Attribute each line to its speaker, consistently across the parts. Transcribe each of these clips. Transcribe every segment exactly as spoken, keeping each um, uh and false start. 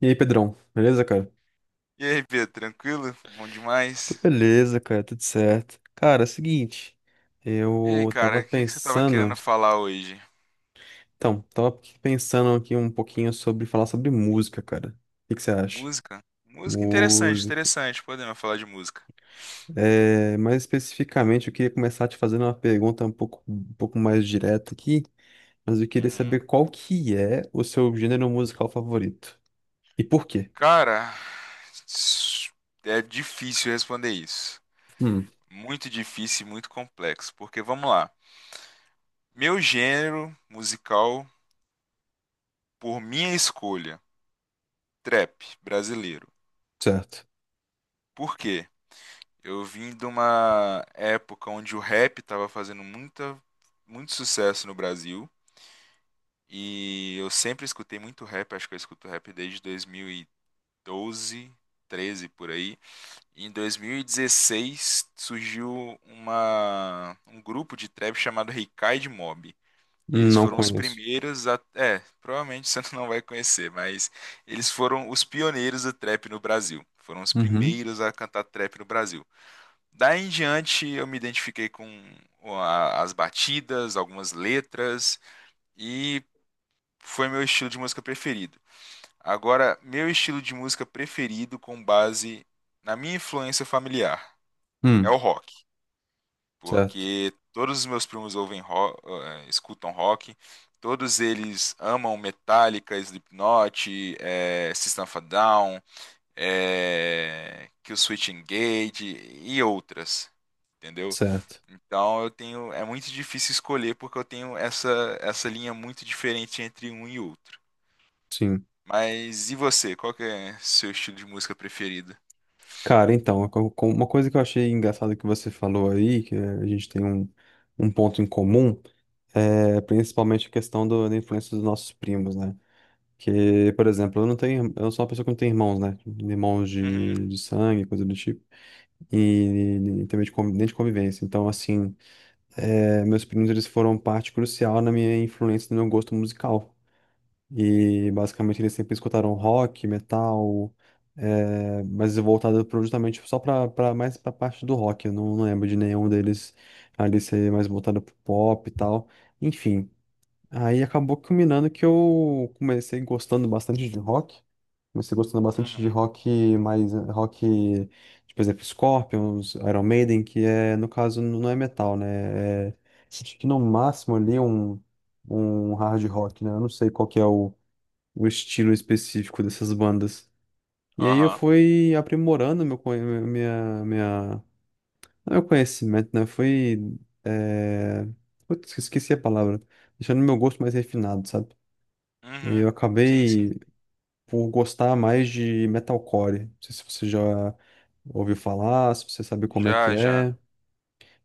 Speaker 1: E aí, Pedrão, beleza, cara?
Speaker 2: E aí, Pedro, tranquilo? Bom
Speaker 1: Tô
Speaker 2: demais.
Speaker 1: beleza, cara, tudo certo. Cara, é o seguinte,
Speaker 2: E aí,
Speaker 1: eu
Speaker 2: cara,
Speaker 1: tava
Speaker 2: o que que você tava querendo
Speaker 1: pensando.
Speaker 2: falar hoje?
Speaker 1: Então, tava aqui pensando aqui um pouquinho sobre falar sobre música, cara. O que que você acha?
Speaker 2: Música? Música interessante,
Speaker 1: Música.
Speaker 2: interessante. Podemos falar de música.
Speaker 1: É, mais especificamente, eu queria começar te fazendo uma pergunta um pouco, um pouco mais direta aqui, mas eu queria
Speaker 2: Uhum.
Speaker 1: saber qual que é o seu gênero musical favorito. E por quê?
Speaker 2: Cara, s- é difícil responder isso.
Speaker 1: Hum,
Speaker 2: Muito difícil e muito complexo. Porque vamos lá. Meu gênero musical, por minha escolha, trap brasileiro.
Speaker 1: certo.
Speaker 2: Por quê? Eu vim de uma época onde o rap estava fazendo muita, muito sucesso no Brasil. E eu sempre escutei muito rap, acho que eu escuto rap desde dois mil e doze, treze por aí. E em dois mil e dezesseis surgiu uma, um grupo de trap chamado Ricide Mob. E eles
Speaker 1: Não
Speaker 2: foram os
Speaker 1: conheço.
Speaker 2: primeiros a. É, provavelmente você não vai conhecer, mas eles foram os pioneiros do trap no Brasil. Foram os
Speaker 1: Uhum.
Speaker 2: primeiros a cantar trap no Brasil. Daí em diante eu me identifiquei com a- as batidas, algumas letras. E foi meu estilo de música preferido. Agora, meu estilo de música preferido com base na minha influência familiar é
Speaker 1: Hum,
Speaker 2: o rock,
Speaker 1: certo.
Speaker 2: porque todos os meus primos ouvem rock, escutam rock, todos eles amam Metallica, Slipknot, eh, System of a Down, eh, Kill Switch Engage e outras. Entendeu?
Speaker 1: Certo.
Speaker 2: Então eu tenho, é muito difícil escolher porque eu tenho essa, essa linha muito diferente entre um e outro.
Speaker 1: Sim.
Speaker 2: Mas e você? Qual que é seu estilo de música preferido?
Speaker 1: Cara, então, co- co- uma coisa que eu achei engraçada que você falou aí, que eh, a gente tem um, um ponto em comum, é principalmente a questão do- da influência dos nossos primos, né? Que, por exemplo, eu não tenho, eu sou uma pessoa que não tem irmãos, né? Irmãos de,
Speaker 2: Uhum,
Speaker 1: de sangue, coisa do tipo, e, e também de, convi- nem de convivência. Então, assim, eh, meus primos, eles foram parte crucial na minha influência, no meu gosto musical. E basicamente eles sempre escutaram rock, metal, eh, mas voltado pro- justamente só pra, pra mais pra parte do rock. Eu não, não lembro de nenhum deles ali ser mais voltado pro pop e tal. Enfim, aí acabou culminando que eu comecei gostando bastante de rock. Comecei gostando bastante de
Speaker 2: uhum,
Speaker 1: rock mais eh, rock, tipo, por exemplo, Scorpions, Iron Maiden, que é, no caso, n- não é metal, né? É, acho que no máximo ali um, um hard rock, né? Eu não sei qual que é o o estilo específico dessas bandas. E aí eu
Speaker 2: aham,
Speaker 1: fui aprimorando meu, conhe- minha, minha, não, é meu conhecimento, né? Fui, é... Putz, esqueci a palavra. Deixando meu gosto mais refinado, sabe? E aí
Speaker 2: uhum.
Speaker 1: eu
Speaker 2: Sim, sim.
Speaker 1: acabei por gostar mais de metalcore. Não sei se você já ouviu falar, se você sabe como é que
Speaker 2: Já, já.
Speaker 1: é.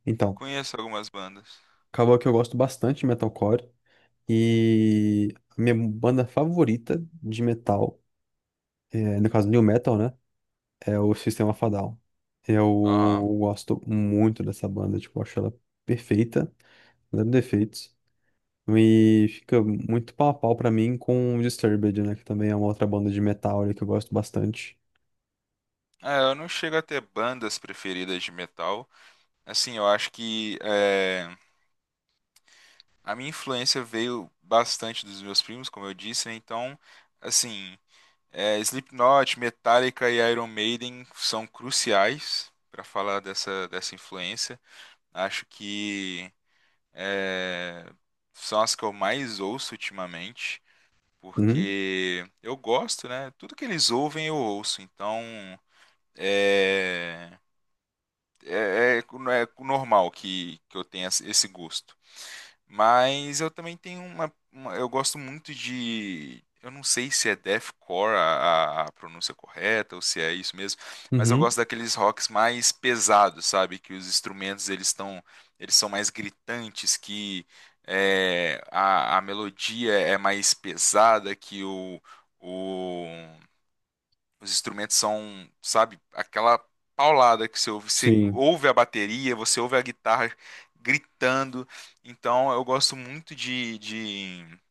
Speaker 1: Então,
Speaker 2: Conheço algumas bandas.
Speaker 1: acabou que eu gosto bastante de metalcore. E a minha banda favorita de metal, é, no caso, new metal, né? É o Sistema of a Down.
Speaker 2: Aham.
Speaker 1: Eu gosto muito dessa banda, tipo, acho ela perfeita, zero defeitos. E fica muito pau a pau pra mim com o Disturbed, né? Que também é uma outra banda de metal ali que eu gosto bastante.
Speaker 2: É, eu não chego a ter bandas preferidas de metal. Assim, eu acho que é, a minha influência veio bastante dos meus primos, como eu disse, né? Então, assim, é, Slipknot, Metallica e Iron Maiden são cruciais para falar dessa, dessa influência. Acho que é, são as que eu mais ouço ultimamente,
Speaker 1: Uhum,
Speaker 2: porque eu gosto, né? Tudo que eles ouvem eu ouço, então é, é, é, é normal que, que eu tenha esse gosto. Mas eu também tenho uma, uma- Eu gosto muito de. Eu não sei se é deathcore a, a- a pronúncia correta ou se é isso mesmo, mas eu
Speaker 1: uhum,
Speaker 2: gosto daqueles rocks mais pesados, sabe? Que os instrumentos eles estão, eles são mais gritantes, que é, a, a melodia é mais pesada, que o, o, os instrumentos são, sabe, aquela paulada que você ouve. Você
Speaker 1: sim.
Speaker 2: ouve a bateria, você ouve a guitarra gritando. Então eu gosto muito de, de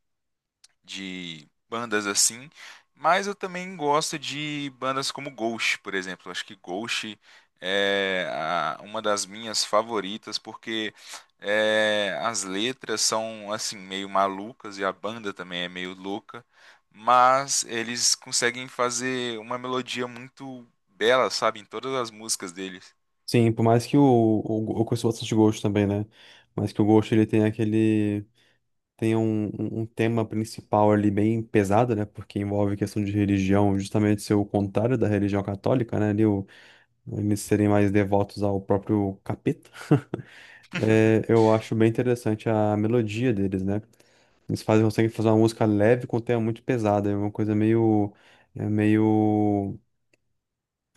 Speaker 2: de bandas assim, mas eu também gosto de bandas como Ghost, por exemplo. Acho que Ghost é a- uma das minhas favoritas porque é, as letras são assim meio malucas e a banda também é meio louca, mas eles conseguem fazer uma melodia muito bela, sabe, em todas as músicas deles.
Speaker 1: Sim, por mais que o, o, eu conheço bastante Ghost também, né? Mas que o Ghost ele tem aquele. Tem um, um um tema principal ali bem pesado, né? Porque envolve questão de religião, justamente ser o contrário da religião católica, né? Ali, eles serem mais devotos ao próprio capeta. É, eu acho bem interessante a melodia deles, né? Eles fazem, conseguem fazer uma música leve com um tema muito pesada, é uma coisa meio, é meio,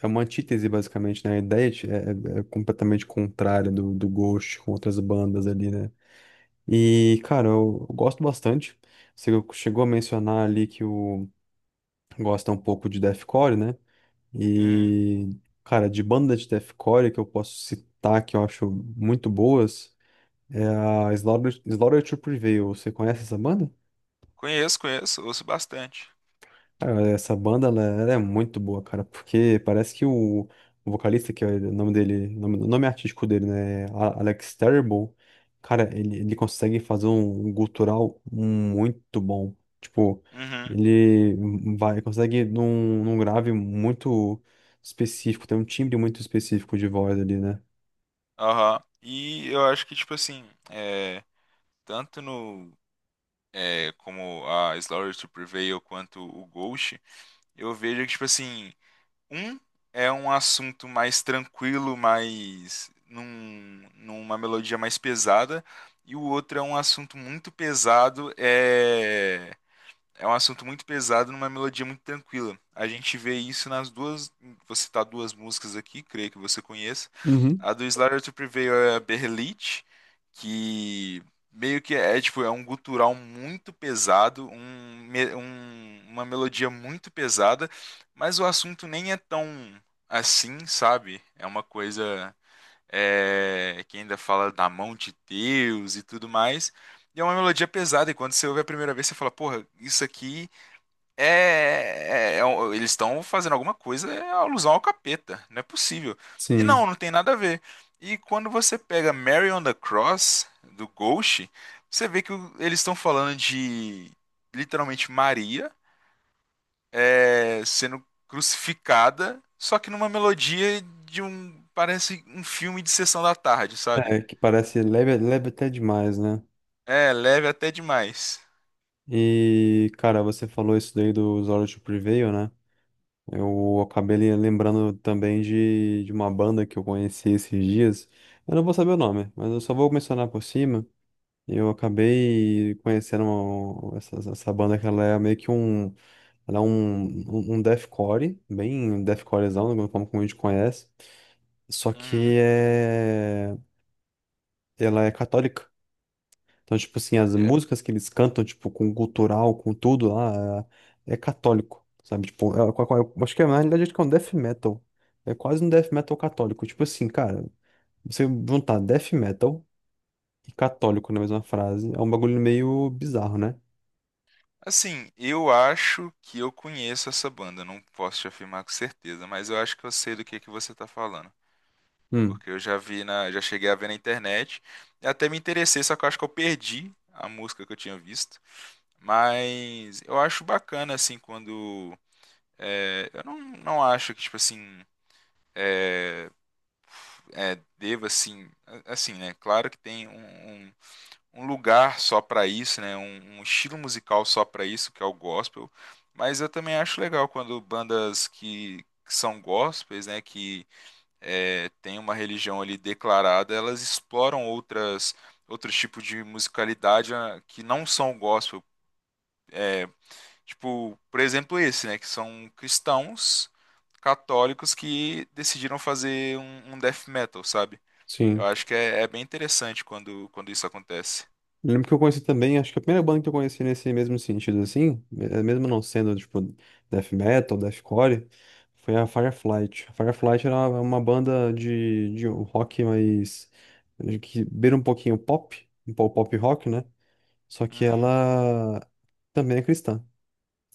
Speaker 1: é uma antítese basicamente, né? A ideia de- é, é- É completamente contrária do, do Ghost com outras bandas ali, né? E, cara, eu, eu gosto bastante. Você chegou a mencionar ali que o gosta um pouco de deathcore, né?
Speaker 2: Uhum.
Speaker 1: E, cara, de banda de deathcore que eu posso citar, que eu acho muito boas, é a Slaughter, Slaughter to Prevail. Você conhece essa banda?
Speaker 2: Conheço, conheço, ouço bastante.
Speaker 1: Cara, essa banda, né, ela é muito boa, cara, porque parece que o, o vocalista, que é o nome dele, o nome, o nome artístico dele, né, A- Alex Terrible, cara, ele, ele consegue fazer um gutural muito bom. Tipo,
Speaker 2: Uhum.
Speaker 1: ele vai, consegue num, num grave muito específico, tem um timbre muito específico de voz ali, né?
Speaker 2: Aham. E eu acho que, tipo assim, é, tanto no é, como a Slaughter to Prevail quanto o Ghost, eu vejo que, tipo assim, um é um assunto mais tranquilo, mais num, numa melodia mais pesada, e o outro é um assunto muito pesado, é é um assunto muito pesado numa melodia muito tranquila. A gente vê isso nas duas. Vou citar duas músicas aqui, creio que você conheça.
Speaker 1: Uhum.
Speaker 2: A do Slaughter to Prevail é a Berrelit, que meio que é tipo é um gutural muito pesado, um, me- um- uma melodia muito pesada, mas o assunto nem é tão assim, sabe? É uma coisa é, que ainda fala da mão de Deus e tudo mais. E é uma melodia pesada, e quando você ouve a primeira vez, você fala, porra, isso aqui é. é- é um- eles estão fazendo alguma coisa, é alusão ao capeta, não é possível. E não,
Speaker 1: Sim.
Speaker 2: não tem nada a ver. E quando você pega Mary on the Cross, do Ghost, você vê que o- eles estão falando de literalmente Maria é, sendo crucificada, só que numa melodia de um. Parece um filme de sessão da tarde, sabe?
Speaker 1: É, que parece leve, leve até demais, né?
Speaker 2: É, leve até demais.
Speaker 1: E, cara, você falou isso daí do Zora to Prevail, né? Eu acabei le- lembrando também de, de uma banda que eu conheci esses dias. Eu não vou saber o nome, mas eu só vou mencionar por cima. Eu acabei conhecendo uma- essa, essa banda que ela é meio que um, ela é um, um um deathcore, bem deathcorezão, como como a gente conhece. Só
Speaker 2: Uhum.
Speaker 1: que é, ela é católica. Então, tipo assim, as
Speaker 2: É.
Speaker 1: músicas que eles cantam, tipo, com gutural, com tudo lá, é, é católico, sabe? Tipo, é- é- eu acho que é, na realidade acho que é um death metal. É quase um death metal católico. Tipo assim, cara, você juntar death metal e católico na mesma frase é um bagulho meio bizarro, né?
Speaker 2: Assim, eu acho que eu conheço essa banda, não posso te afirmar com certeza, mas eu acho que eu sei do que que você tá falando,
Speaker 1: Hum,
Speaker 2: porque eu já vi na, já cheguei a ver na internet, e até me interessei, só que eu acho que eu perdi a música que eu tinha visto, mas eu acho bacana assim quando é, eu não, não acho que tipo assim é, deva assim a- assim né claro que tem um, um um lugar só para isso, né? Um, um estilo musical só para isso, que é o gospel. Mas eu também acho legal quando bandas que, que são gospels, né? Que é, tem uma religião ali declarada, elas exploram outras outros tipos de musicalidade ah, que não são o gospel. Tipo, por exemplo, esse, né? Que são cristãos católicos que decidiram fazer um, um death metal, sabe? Eu
Speaker 1: sim.
Speaker 2: acho que é, é bem interessante quando, quando isso acontece.
Speaker 1: Eu lembro que eu conheci também, acho que a primeira banda que eu conheci nesse mesmo sentido, assim, eh, mesmo não sendo, tipo, death metal, deathcore, foi a Fireflight. A Fireflight era uma uma banda de, de um rock mais, que beira um pouquinho pop, um pouco pop rock, né? Só que
Speaker 2: Uhum,
Speaker 1: ela também é cristã.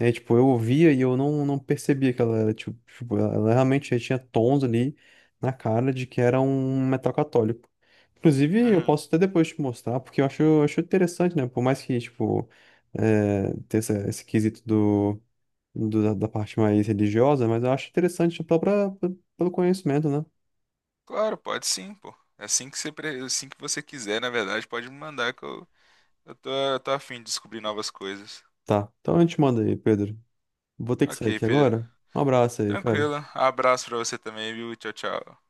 Speaker 1: É, tipo, eu ouvia e eu não, não percebia que ela era, tipo, tipo, ela ela realmente já tinha tons ali na cara de que era um metal católico. Inclusive, eu
Speaker 2: uhum.
Speaker 1: posso até depois te mostrar, porque eu acho, eu acho interessante, né? Por mais que, tipo, é, ter essa- esse quesito do, do- da, da parte mais religiosa, mas eu acho interessante pela, pra- pe- pelo conhecimento, né?
Speaker 2: Claro, pode sim, pô. É assim que você, pre- é assim que você quiser, na verdade, pode me mandar que eu, eu tô, eu tô a fim de descobrir novas coisas.
Speaker 1: Tá, então a gente manda aí, Pedro. Vou ter que sair
Speaker 2: Ok,
Speaker 1: aqui
Speaker 2: Pedro.
Speaker 1: agora. Um abraço aí, cara.
Speaker 2: Tranquilo. Abraço pra você também, viu? Tchau, tchau.